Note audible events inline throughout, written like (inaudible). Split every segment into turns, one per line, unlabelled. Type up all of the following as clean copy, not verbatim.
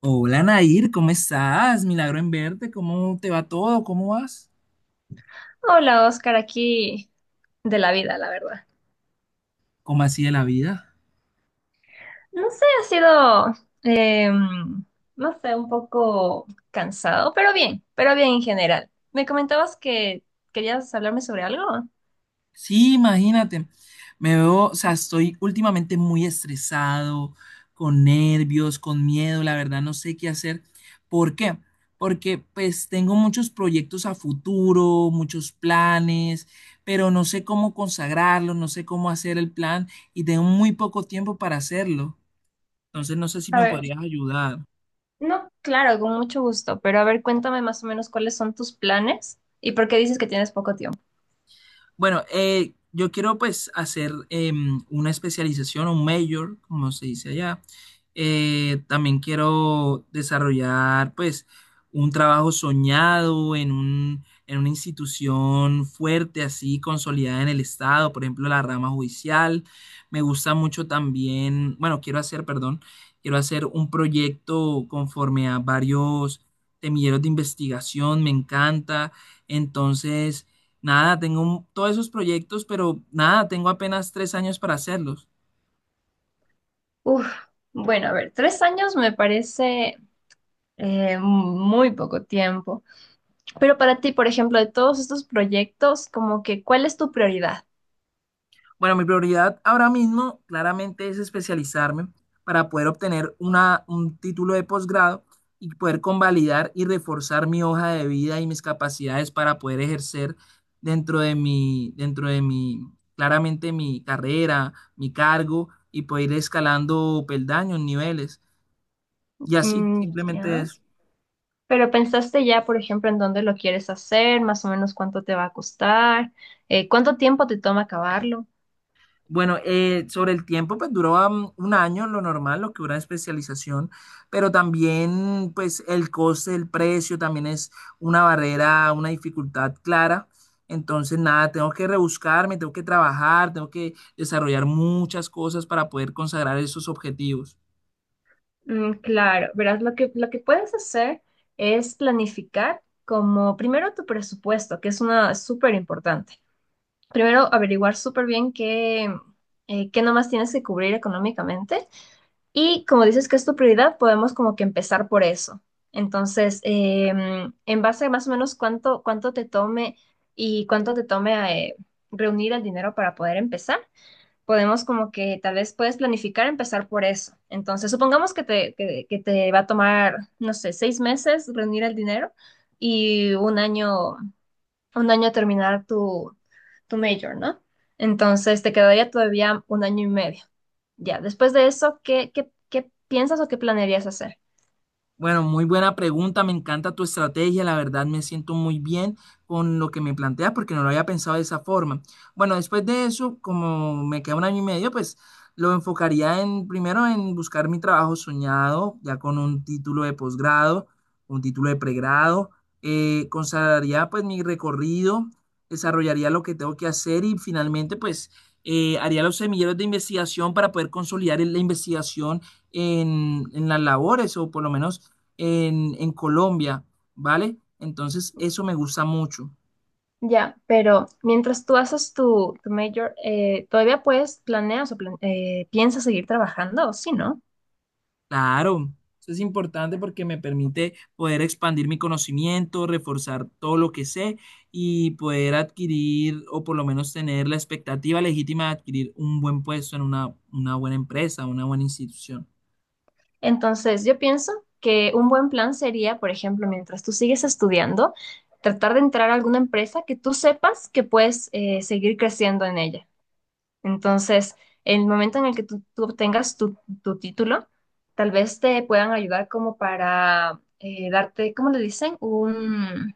Hola Nair, ¿cómo estás? Milagro en verte, ¿cómo te va todo? ¿Cómo vas?
Hola, Oscar, aquí de la vida, la verdad.
¿Cómo así de la vida?
No sé, ha sido, em, no sé, un poco cansado, pero bien en general. Me comentabas que querías hablarme sobre algo.
Sí, imagínate, me veo, o sea, estoy últimamente muy estresado, con nervios, con miedo, la verdad no sé qué hacer. ¿Por qué? Porque pues tengo muchos proyectos a futuro, muchos planes, pero no sé cómo consagrarlo, no sé cómo hacer el plan y tengo muy poco tiempo para hacerlo. Entonces no sé si
A
me
ver,
podrías ayudar.
no, claro, con mucho gusto, pero a ver, cuéntame más o menos cuáles son tus planes y por qué dices que tienes poco tiempo.
Bueno, yo quiero pues hacer una especialización, un major, como se dice allá. También quiero desarrollar pues un trabajo soñado en una institución fuerte, así consolidada en el Estado, por ejemplo, la rama judicial. Me gusta mucho también, bueno, quiero hacer, perdón, quiero hacer un proyecto conforme a varios semilleros de investigación, me encanta. Entonces, nada, todos esos proyectos, pero nada, tengo apenas 3 años para hacerlos.
Uf, bueno, a ver, 3 años me parece muy poco tiempo, pero para ti, por ejemplo, de todos estos proyectos, como que, ¿cuál es tu prioridad?
Bueno, mi prioridad ahora mismo claramente es especializarme para poder obtener un título de posgrado y poder convalidar y reforzar mi hoja de vida y mis capacidades para poder ejercer dentro de mi, claramente mi carrera, mi cargo y poder ir escalando peldaños, niveles. Y así,
Mm,
simplemente
ya.
eso.
Pero pensaste ya, por ejemplo, en dónde lo quieres hacer, más o menos cuánto te va a costar, cuánto tiempo te toma acabarlo.
Bueno, sobre el tiempo, pues duró un año, lo normal, lo que dura especialización, pero también, pues el coste, el precio, también es una barrera, una dificultad clara. Entonces, nada, tengo que rebuscarme, tengo que trabajar, tengo que desarrollar muchas cosas para poder consagrar esos objetivos.
Mm, claro, verás, lo que puedes hacer es planificar como primero tu presupuesto, que es una súper importante. Primero, averiguar súper bien qué nomás tienes que cubrir económicamente. Y como dices que es tu prioridad, podemos como que empezar por eso. Entonces, en base a más o menos cuánto te tome y cuánto te tome reunir el dinero para poder empezar, podemos como que tal vez puedes planificar empezar por eso. Entonces, supongamos que te va a tomar, no sé, 6 meses reunir el dinero y un año a terminar tu major, ¿no? Entonces te quedaría todavía un año y medio. Ya, después de eso, ¿qué piensas o qué planearías hacer?
Bueno, muy buena pregunta, me encanta tu estrategia, la verdad me siento muy bien con lo que me planteas porque no lo había pensado de esa forma. Bueno, después de eso, como me queda un año y medio, pues lo enfocaría en primero en buscar mi trabajo soñado, ya con un título de posgrado, un título de pregrado, consagraría pues mi recorrido, desarrollaría lo que tengo que hacer y finalmente pues haría los semilleros de investigación para poder consolidar la investigación en las labores o por lo menos en Colombia, ¿vale? Entonces, eso me gusta mucho.
Ya, pero mientras tú haces tu major, ¿todavía puedes planeas o plan- piensas seguir trabajando o sí, no?
Claro, eso es importante porque me permite poder expandir mi conocimiento, reforzar todo lo que sé y poder adquirir o por lo menos tener la expectativa legítima de adquirir un buen puesto en una buena empresa, una buena institución.
Entonces yo pienso que un buen plan sería, por ejemplo, mientras tú sigues estudiando, tratar de entrar a alguna empresa que tú sepas que puedes seguir creciendo en ella. Entonces, en el momento en el que tú obtengas tu título, tal vez te puedan ayudar como para darte, ¿cómo le dicen? Un,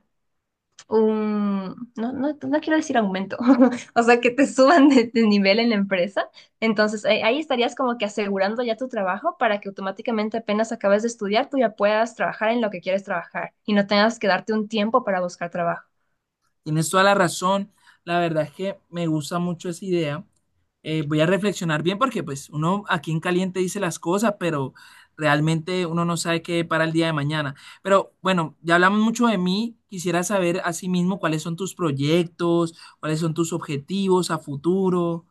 un, No, no, no quiero decir aumento, (laughs) o sea, que te suban de nivel en la empresa. Entonces, ahí estarías como que asegurando ya tu trabajo para que automáticamente apenas acabes de estudiar, tú ya puedas trabajar en lo que quieres trabajar y no tengas que darte un tiempo para buscar trabajo.
Tienes toda la razón. La verdad es que me gusta mucho esa idea. Voy a reflexionar bien porque pues uno aquí en caliente dice las cosas, pero realmente uno no sabe qué para el día de mañana. Pero bueno, ya hablamos mucho de mí. Quisiera saber asimismo cuáles son tus proyectos, cuáles son tus objetivos a futuro.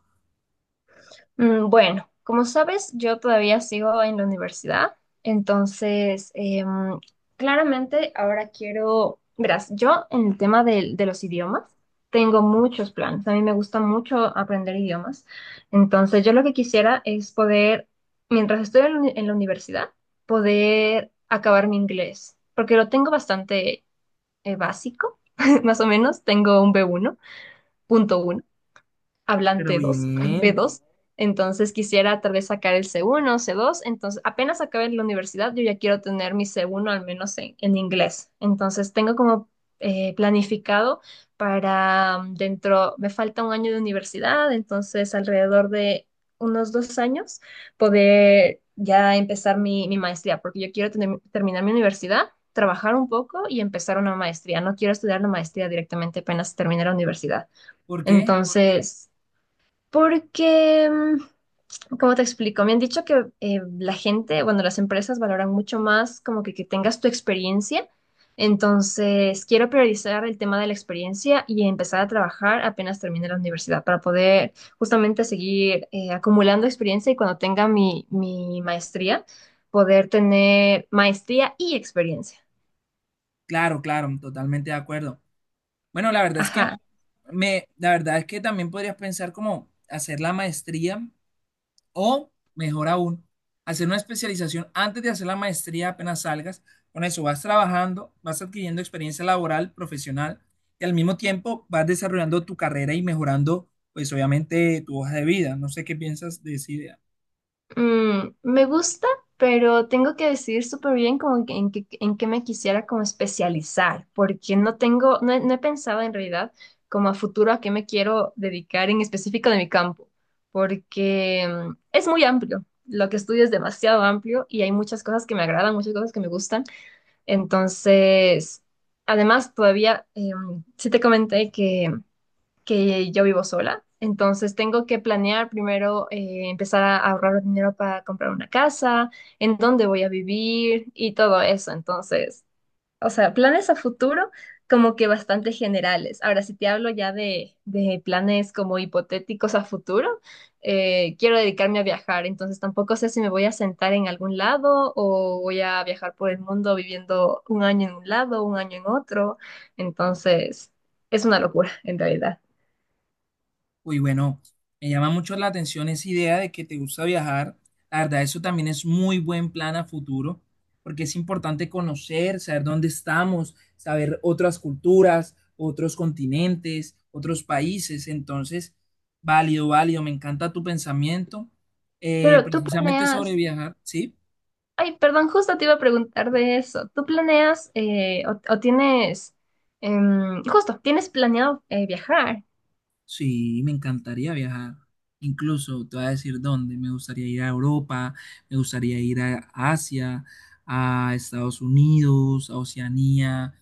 Mm. Bueno, como sabes, yo todavía sigo en la universidad, entonces claramente ahora quiero, verás, yo en el tema de los idiomas tengo muchos planes, a mí me gusta mucho aprender idiomas, entonces yo lo que quisiera es poder, mientras estoy en la universidad, poder acabar mi inglés, porque lo tengo bastante básico, (laughs) más o menos, tengo un B1 .1
Pero
hablante 2 (laughs) b
bien,
dos Entonces quisiera tal vez sacar el C1 C2. Entonces apenas acabe la universidad, yo ya quiero tener mi C1 al menos en inglés. Entonces tengo como planificado para dentro, me falta un año de universidad, entonces alrededor de unos 2 años poder ya empezar mi maestría, porque yo quiero terminar mi universidad, trabajar un poco y empezar una maestría. No quiero estudiar la maestría directamente apenas terminar la universidad.
¿por qué?
Entonces, porque, como te explico, me han dicho que la gente, bueno, las empresas valoran mucho más como que tengas tu experiencia. Entonces, quiero priorizar el tema de la experiencia y empezar a trabajar apenas termine la universidad para poder justamente seguir acumulando experiencia y cuando tenga mi maestría, poder tener maestría y experiencia.
Claro, claro, totalmente de acuerdo. Bueno,
Ajá.
la verdad es que también podrías pensar como hacer la maestría. O, mejor aún, hacer una especialización antes de hacer la maestría apenas salgas. Con eso vas trabajando, vas adquiriendo experiencia laboral, profesional y al mismo tiempo vas desarrollando tu carrera y mejorando, pues obviamente, tu hoja de vida. No sé qué piensas de esa idea.
Mm, me gusta, pero tengo que decidir súper bien en qué me quisiera como especializar, porque no he pensado en realidad como a futuro a qué me quiero dedicar en específico de mi campo, porque es muy amplio. Lo que estudio es demasiado amplio y hay muchas cosas que me agradan, muchas cosas que me gustan. Entonces, además, todavía, sí te comenté que yo vivo sola. Entonces tengo que planear primero empezar a ahorrar dinero para comprar una casa, en dónde voy a vivir y todo eso. Entonces, o sea, planes a futuro como que bastante generales. Ahora, si te hablo ya de planes como hipotéticos a futuro, quiero dedicarme a viajar, entonces tampoco sé si me voy a sentar en algún lado o voy a viajar por el mundo viviendo un año en un lado, un año en otro. Entonces, es una locura en realidad.
Uy, bueno, me llama mucho la atención esa idea de que te gusta viajar. La verdad, eso también es muy buen plan a futuro, porque es importante conocer, saber dónde estamos, saber otras culturas, otros continentes, otros países. Entonces, válido, válido, me encanta tu pensamiento,
Pero tú
precisamente sobre
planeas,
viajar, ¿sí?
ay, perdón, justo te iba a preguntar de eso. ¿Tú planeas o tienes, justo, tienes planeado viajar?
Sí, me encantaría viajar. Incluso te voy a decir dónde. Me gustaría ir a Europa, me gustaría ir a Asia, a Estados Unidos, a Oceanía.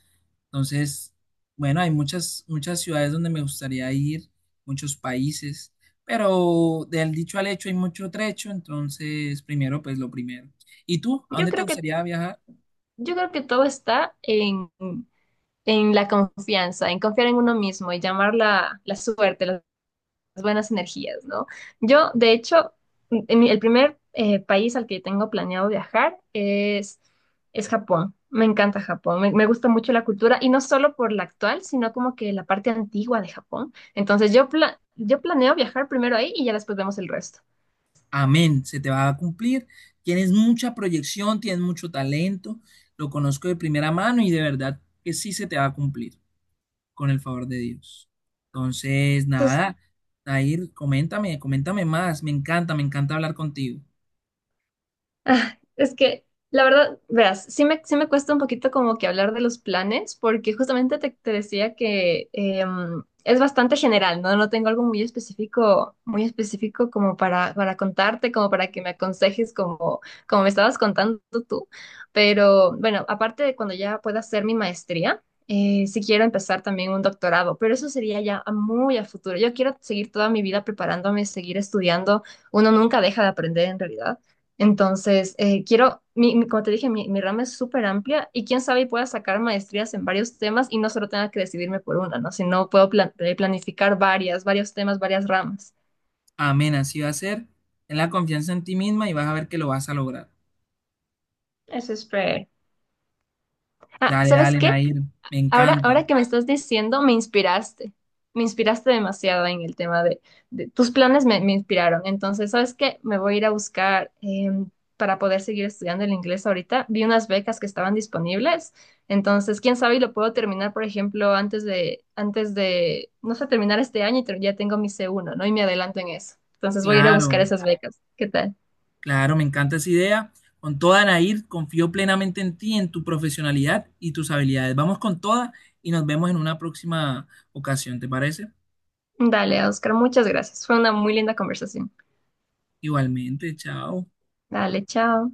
Entonces, bueno, hay muchas, muchas ciudades donde me gustaría ir, muchos países, pero del dicho al hecho hay mucho trecho, entonces primero, pues lo primero. ¿Y tú? ¿A
Yo
dónde te
creo que,
gustaría viajar?
yo creo que todo está en la confianza, en confiar en uno mismo y llamar la suerte, buenas energías, ¿no? Yo, de hecho, el primer país al que tengo planeado viajar es Japón. Me encanta Japón, me gusta mucho la cultura y no solo por la actual, sino como que la parte antigua de Japón. Entonces yo planeo viajar primero ahí y ya después vemos el resto.
Amén, se te va a cumplir. Tienes mucha proyección, tienes mucho talento, lo conozco de primera mano y de verdad que sí se te va a cumplir con el favor de Dios. Entonces,
Entonces.
nada, Dair, coméntame, coméntame más, me encanta hablar contigo.
Ah, es que, la verdad, verás, sí me cuesta un poquito como que hablar de los planes, porque justamente te decía que es bastante general, ¿no? No tengo algo muy específico como para contarte, como para que me aconsejes como me estabas contando tú. Pero bueno, aparte de cuando ya pueda hacer mi maestría, sí quiero empezar también un doctorado, pero eso sería ya a muy a futuro. Yo quiero seguir toda mi vida preparándome, seguir estudiando. Uno nunca deja de aprender en realidad. Entonces, quiero, como te dije, mi rama es súper amplia y quién sabe y pueda sacar maestrías en varios temas y no solo tenga que decidirme por una, ¿no? Sino puedo planificar varias, varios temas, varias ramas.
Amén, así va a ser. Ten la confianza en ti misma y vas a ver que lo vas a lograr.
Eso es súper. Ah,
Dale,
¿sabes
dale,
qué?
Nair, me
Ahora,
encanta.
ahora que me estás diciendo, me inspiraste. Me inspiraste demasiado en el tema de tus planes me inspiraron. Entonces, ¿sabes qué? Me voy a ir a buscar em, para poder seguir estudiando el inglés ahorita. Vi unas becas que estaban disponibles. Entonces, quién sabe, y lo puedo terminar, por ejemplo, no sé, terminar este año y ya tengo mi C1. ¿No? Y me adelanto en eso. Entonces, voy a ir a buscar
Claro.
esas becas. ¿Qué tal?
Claro, me encanta esa idea. Con toda, Nair, confío plenamente en ti, en tu profesionalidad y tus habilidades. Vamos con toda y nos vemos en una próxima ocasión, ¿te parece?
Dale, Oscar, muchas gracias. Fue una muy linda conversación.
Igualmente, chao.
Dale, chao.